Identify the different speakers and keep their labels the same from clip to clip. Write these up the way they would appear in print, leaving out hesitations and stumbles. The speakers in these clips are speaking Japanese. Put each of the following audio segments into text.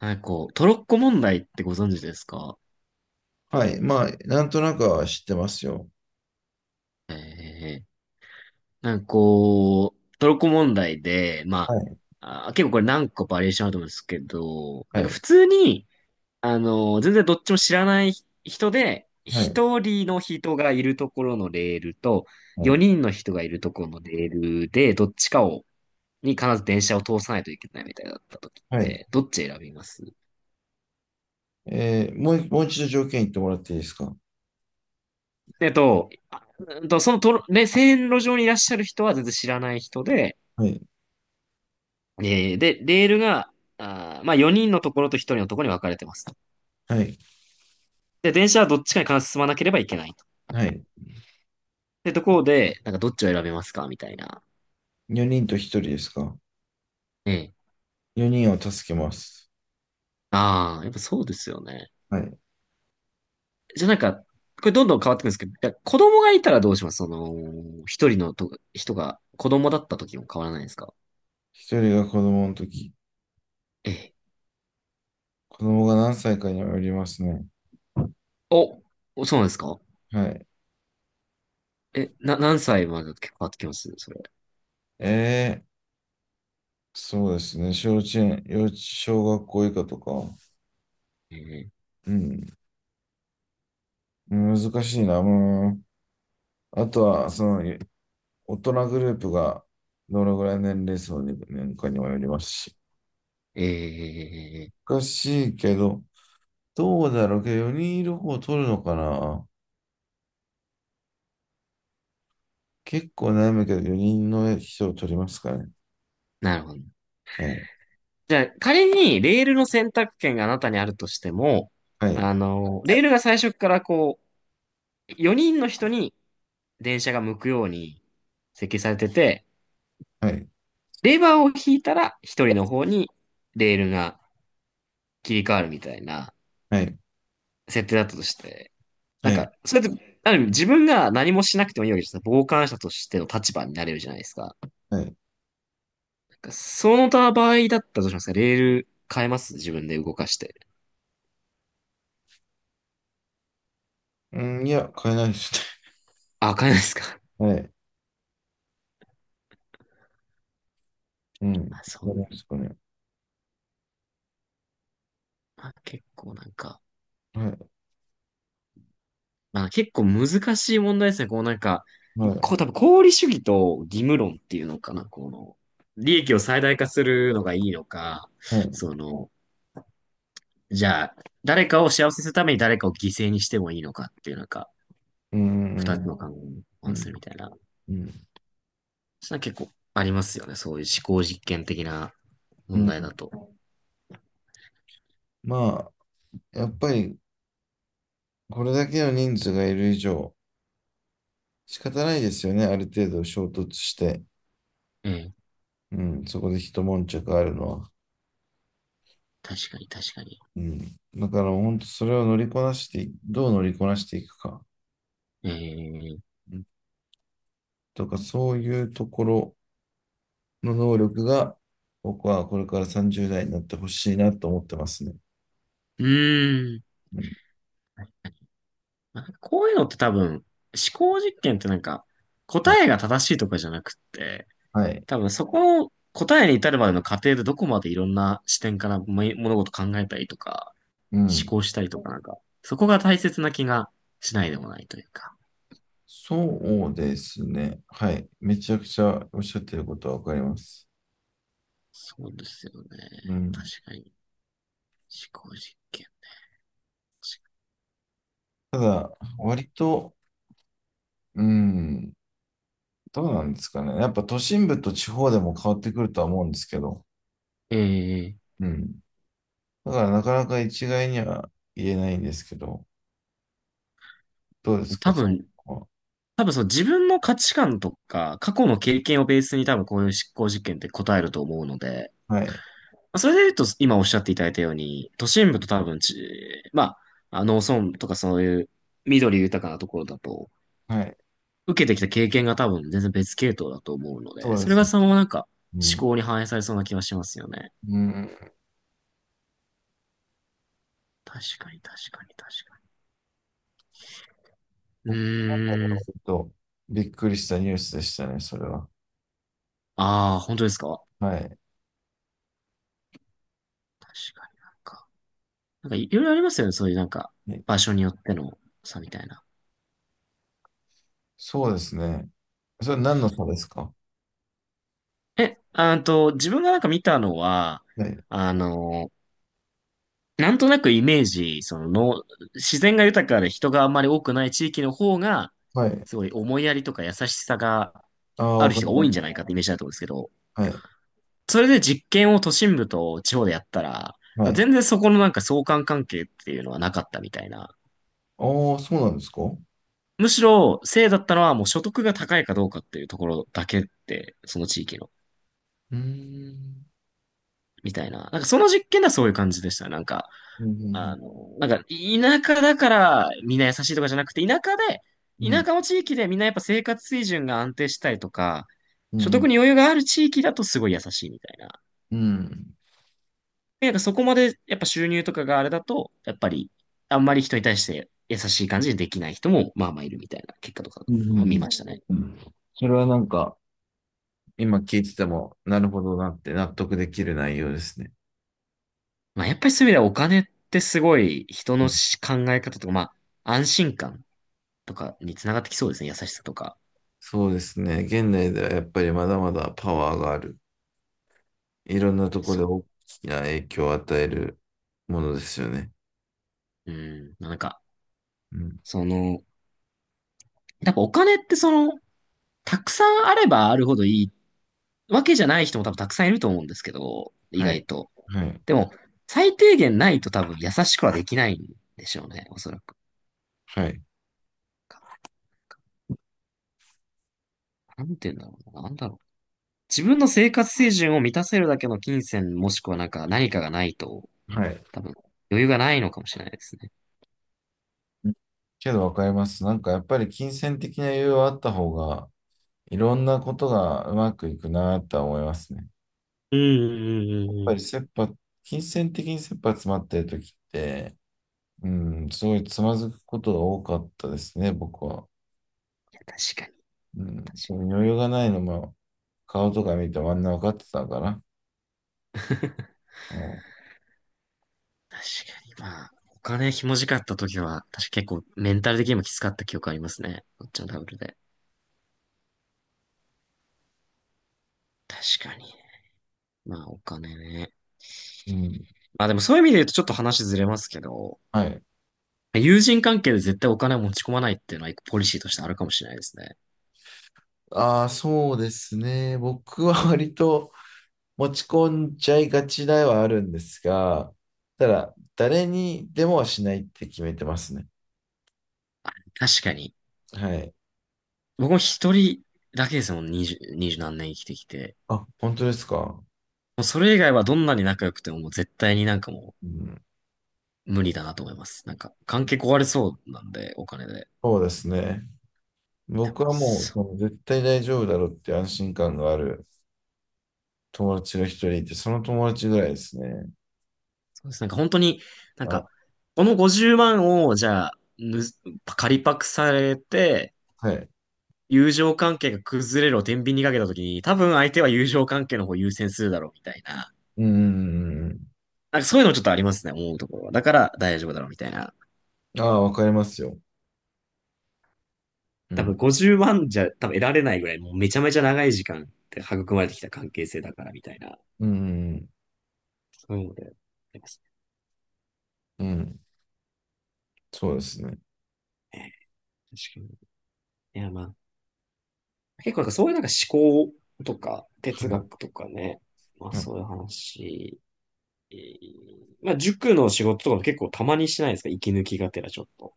Speaker 1: なんかこう、トロッコ問題ってご存知ですか？
Speaker 2: はい。まあ、なんとなくは知ってますよ。
Speaker 1: ええ。なんかこう、トロッコ問題で、ま
Speaker 2: はい。
Speaker 1: あ、結構これ何個バリエーションあると思うんですけど、な
Speaker 2: は
Speaker 1: んか
Speaker 2: い。
Speaker 1: 普通に、全然どっちも知らない人で、
Speaker 2: はい。
Speaker 1: 一人の人がいるところのレールと、
Speaker 2: は
Speaker 1: 四
Speaker 2: い。
Speaker 1: 人の人がいるところのレールで、どっちかを、に必ず電車を通さないといけないみたいだった時っ
Speaker 2: はい。
Speaker 1: て、どっち選びます？
Speaker 2: もう一度条件言ってもらっていいですか？
Speaker 1: えっと、あそのトロ、ね、線路上にいらっしゃる人は全然知らない人で、
Speaker 2: はい。
Speaker 1: で、レールが、まあ、4人のところと1人のところに分かれてますと。
Speaker 2: はい。
Speaker 1: で、電車はどっちかに必ず進まなければいけないと。
Speaker 2: はい。
Speaker 1: で、ところで、なんかどっちを選べますかみたいな。
Speaker 2: 4人と1人ですか？
Speaker 1: ええ。
Speaker 2: 4 人を助けます。
Speaker 1: ああ、やっぱそうですよね。
Speaker 2: はい。
Speaker 1: じゃあなんか、これどんどん変わってくるんですけど、いや子供がいたらどうします一人のと人が子供だった時も変わらないですか？
Speaker 2: 1人が子供の時。
Speaker 1: ええ。
Speaker 2: 子供が何歳かにもよりますね。
Speaker 1: お、そうなんですか？
Speaker 2: はい。
Speaker 1: 何歳までだと結構変わってきますそれ？
Speaker 2: えー、そうですね。小稚園、小学校以下とか。
Speaker 1: ええ。
Speaker 2: うん。難しいな。もうあとは、その、大人グループがどのぐらい年齢層に年間にもよりますし。
Speaker 1: ええ。
Speaker 2: 難しいけど、どうだろうけど、4人いる方を取るのかな。結構悩むけど、4人の人を取りますかね。
Speaker 1: なるほど。
Speaker 2: はい。
Speaker 1: じゃあ、仮にレールの選択権があなたにあるとしても、
Speaker 2: はい。
Speaker 1: レールが最初からこう、4人の人に電車が向くように設計されてて、
Speaker 2: はい。
Speaker 1: レバーを引いたら1人の方にレールが切り替わるみたいな設定だったとして、なん
Speaker 2: はい。
Speaker 1: か、それって、ある意味自分が何もしなくてもいいわけですよ。傍観者としての立場になれるじゃないですか。
Speaker 2: はい。
Speaker 1: なんかその他場合だったらどうしますか？レール変えます？自分で動かして。
Speaker 2: うん、いや、変えないです
Speaker 1: あ、変えないですか？
Speaker 2: ね。はい。うん。
Speaker 1: あ、そ
Speaker 2: 変えな
Speaker 1: う。
Speaker 2: いですかね。
Speaker 1: あ、結構なんか。
Speaker 2: はい。
Speaker 1: まあ結構難しい問題ですね。こうなんか、
Speaker 2: はい。
Speaker 1: こう多分功利主義と義務論っていうのかな。利益を最大化するのがいいのか、
Speaker 2: はい。
Speaker 1: その、じゃあ、誰かを幸せにするために誰かを犠牲にしてもいいのかっていうなんか、
Speaker 2: う
Speaker 1: 二つ
Speaker 2: ん。
Speaker 1: の考えに
Speaker 2: う
Speaker 1: 反す
Speaker 2: ん。
Speaker 1: るみたいな。
Speaker 2: うん。
Speaker 1: そんな結構ありますよね。そういう思考実験的な
Speaker 2: う
Speaker 1: 問題
Speaker 2: ん。
Speaker 1: だと。
Speaker 2: まあ、やっぱり、これだけの人数がいる以上、仕方ないですよね。ある程度衝突して。
Speaker 1: ええ、
Speaker 2: うん、そこで一悶着あるのは。
Speaker 1: 確かに確かに。
Speaker 2: うん。だから本当それを乗りこなしてい、どう乗りこなしていくか、
Speaker 1: ええ、
Speaker 2: うん、とか、そういうところの能力が、僕はこれから30代になってほしいなと思ってますね。
Speaker 1: うーん。
Speaker 2: うん。
Speaker 1: なんかこういうのって多分、思考実験ってなんか、
Speaker 2: は
Speaker 1: 答
Speaker 2: い。
Speaker 1: えが正しいとかじゃなくって、
Speaker 2: はい。
Speaker 1: 多分そこの答えに至るまでの過程でどこまでいろんな視点からも物事考えたりとか、
Speaker 2: う
Speaker 1: 思
Speaker 2: ん。
Speaker 1: 考したりとかなんか、そこが大切な気がしないでもないというか。
Speaker 2: そうですね。はい。めちゃくちゃおっしゃってることはわかります。
Speaker 1: そうですよね。
Speaker 2: うん。
Speaker 1: 確かに。思考実験。
Speaker 2: ただ、割と、うん、どうなんですかね。やっぱ都心部と地方でも変わってくるとは思うんですけど、
Speaker 1: ええ。
Speaker 2: うん。だからなかなか一概には言えないんですけど、どうですか、
Speaker 1: 多
Speaker 2: そ
Speaker 1: 分、
Speaker 2: こ
Speaker 1: 多分そう自分の価値観とか、過去の経験をベースに多分こういう思考実験って答えると思うので、
Speaker 2: は。はい。
Speaker 1: まあそれで言うと今おっしゃっていただいたように、都心部と多分まあ、農村とかそういう緑豊かなところだと、
Speaker 2: はい。
Speaker 1: 受けてきた経験が多分全然別系統だと思うの
Speaker 2: そ
Speaker 1: で、
Speaker 2: うで
Speaker 1: それ
Speaker 2: す
Speaker 1: が
Speaker 2: ね。
Speaker 1: そのままなんか
Speaker 2: う
Speaker 1: 思
Speaker 2: ん。
Speaker 1: 考に反映されそうな気がしますよね。
Speaker 2: うん。
Speaker 1: 確かに確かに確かに。う
Speaker 2: 僕は
Speaker 1: ーん。
Speaker 2: 割とびっくりしたニュースでしたね、それは。
Speaker 1: ああ、本当ですか？
Speaker 2: はい。
Speaker 1: 確かになんか。なんかいろいろありますよね。そういうなんか
Speaker 2: ね。
Speaker 1: 場所によっての差みたいな。
Speaker 2: そうですね。それは何の差ですか？
Speaker 1: え、あーと、自分がなんか見たのは、
Speaker 2: はい。
Speaker 1: あの、なんとなくイメージ、そのの、自然が豊かで人があんまり多くない地域の方が、
Speaker 2: はい。
Speaker 1: すごい思いやりとか優しさが
Speaker 2: ああ、
Speaker 1: あ
Speaker 2: わ
Speaker 1: る
Speaker 2: か
Speaker 1: 人が
Speaker 2: り
Speaker 1: 多い
Speaker 2: ま
Speaker 1: んじゃ
Speaker 2: す。
Speaker 1: ないかってイメージだと思うんですけど、
Speaker 2: はい。
Speaker 1: それで実験を都心部と地方でやったら、
Speaker 2: は
Speaker 1: まあ
Speaker 2: い。
Speaker 1: 全然そこのなんか相関関係っていうのはなかったみたいな。
Speaker 2: ああ、そうなんですか？う
Speaker 1: むしろ、せいだったのはもう所得が高いかどうかっていうところだけって、その地域の。
Speaker 2: ーん。
Speaker 1: みたいな。なんかその実験ではそういう感じでした。なんか、
Speaker 2: う
Speaker 1: あ
Speaker 2: ん。
Speaker 1: の、なんか田舎だからみんな優しいとかじゃなくて、
Speaker 2: う
Speaker 1: 田
Speaker 2: ん。
Speaker 1: 舎の地域でみんなやっぱ生活水準が安定したりとか、
Speaker 2: う
Speaker 1: 所
Speaker 2: ん。う
Speaker 1: 得
Speaker 2: ん。
Speaker 1: に余裕がある地域だとすごい優しいみたいな。
Speaker 2: うん。
Speaker 1: なんかそこまでやっぱ収入とかがあれだと、やっぱりあんまり人に対して優しい感じでできない人もまあまあいるみたいな結果とか
Speaker 2: うん。う
Speaker 1: を見
Speaker 2: ん
Speaker 1: ましたね。
Speaker 2: うん。それはなんか、今聞いてても、なるほどなって納得できる内容ですね。
Speaker 1: まあやっぱりそういう意味ではお金ってすごい人
Speaker 2: う
Speaker 1: の
Speaker 2: ん。
Speaker 1: 考え方とか、まあ安心感とかにつながってきそうですね。優しさとか。
Speaker 2: そうですね。現代ではやっぱりまだまだパワーがある。いろんなところで大
Speaker 1: そ
Speaker 2: きな影響を与えるものですよね。
Speaker 1: う。うん。なんか、
Speaker 2: うん。
Speaker 1: その、やっぱお金ってたくさんあればあるほどいいわけじゃない人も多分たくさんいると思うんですけど、意
Speaker 2: はい。
Speaker 1: 外と。
Speaker 2: はい。
Speaker 1: でも、最低限ないと多分優しくはできないんでしょうね。おそらく。
Speaker 2: はい。
Speaker 1: なんて言うんだろうな。なんだろう。自分の生活水準を満たせるだけの金銭もしくはなんか何かがないと、
Speaker 2: はい。
Speaker 1: 多分余裕がないのかもしれないですね。
Speaker 2: うん。けどわかります。なんかやっぱり金銭的な余裕はあった方が、いろんなことがうまくいくなとは思いますね。や
Speaker 1: うんうんう
Speaker 2: っ
Speaker 1: んうん。
Speaker 2: ぱ
Speaker 1: い
Speaker 2: り金銭的に切羽詰まってる時って、うん、すごいつまずくことが多かったですね、僕は。
Speaker 1: や、確かに、
Speaker 2: う
Speaker 1: 確か
Speaker 2: ん、多
Speaker 1: に
Speaker 2: 分余裕がないのも、顔とか見てあんな分かってたから。も
Speaker 1: 確かに、まあ、お金ひもじかった時は、確か結構メンタル的にもきつかった記憶ありますね。こっちのダブルで。確かに。まあ、お金ね。
Speaker 2: う、うん、
Speaker 1: まあでもそういう意味で言うとちょっと話ずれますけど、
Speaker 2: はい。
Speaker 1: 友人関係で絶対お金を持ち込まないっていうのは一個ポリシーとしてあるかもしれないですね。
Speaker 2: ああ、そうですね。僕は割と持ち込んじゃいがちではあるんですが、ただ、誰にでもはしないって決めてますね。
Speaker 1: 確かに。
Speaker 2: はい。
Speaker 1: 僕も一人だけですもん、二十何年生きてきて。
Speaker 2: あ、本当ですか？
Speaker 1: もうそれ以外はどんなに仲良くてももう絶対になんかも
Speaker 2: うん、
Speaker 1: う無理だなと思います。なんか関係壊れそうなんで、お金で。
Speaker 2: そうですね。
Speaker 1: やっ
Speaker 2: 僕
Speaker 1: ぱ
Speaker 2: はもう、もう絶対大丈夫だろうっていう安心感がある友達が一人いて、その友達ぐらいですね。
Speaker 1: そうです。なんか本当に、なん
Speaker 2: はい。
Speaker 1: か、この50万をじゃあ、借りパクされて、
Speaker 2: はい。
Speaker 1: 友情関係が崩れるを天秤にかけたときに、多分相手は友情関係の方を優先するだろうみたいな。
Speaker 2: うん、うんうんう
Speaker 1: なんかそういうのちょっとありますね、思うところは。だから大丈夫だろうみたいな。
Speaker 2: ん。ああ、わかりますよ。う
Speaker 1: 多分
Speaker 2: ん。
Speaker 1: 50万じゃ多分得られないぐらい、もうめちゃめちゃ長い時間って育まれてきた関係性だからみたいな、
Speaker 2: うん、
Speaker 1: そういうので、あります
Speaker 2: うん、うん。そうですね。
Speaker 1: ね。確かに。いや、まあ、結構なんかそういうなんか思考とか
Speaker 2: は
Speaker 1: 哲
Speaker 2: い。
Speaker 1: 学とかね、まあ
Speaker 2: はい、
Speaker 1: そういう話、えーまあ塾の仕事とかも結構たまにしないですか？息抜きがてらちょっと。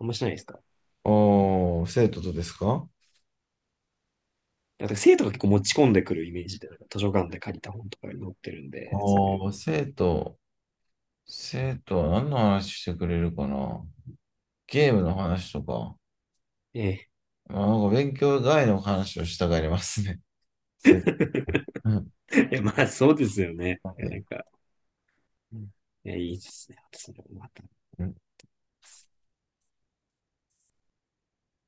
Speaker 1: あんましないですか？
Speaker 2: おー、生徒とですか？
Speaker 1: だから生徒が結構持ち込んでくるイメージで、なんか図書館で借りた本とかに載ってるんで、そういう。
Speaker 2: おー、生徒。生徒は何の話してくれるかな。ゲームの話とか。
Speaker 1: ええ。
Speaker 2: まあ、なんか勉強外の話をしたがりますね。生徒。うん。
Speaker 1: いや、まあそうですよね。
Speaker 2: は
Speaker 1: いや、な
Speaker 2: い。
Speaker 1: んか、うん、いや、いいですね。それもまた。
Speaker 2: うん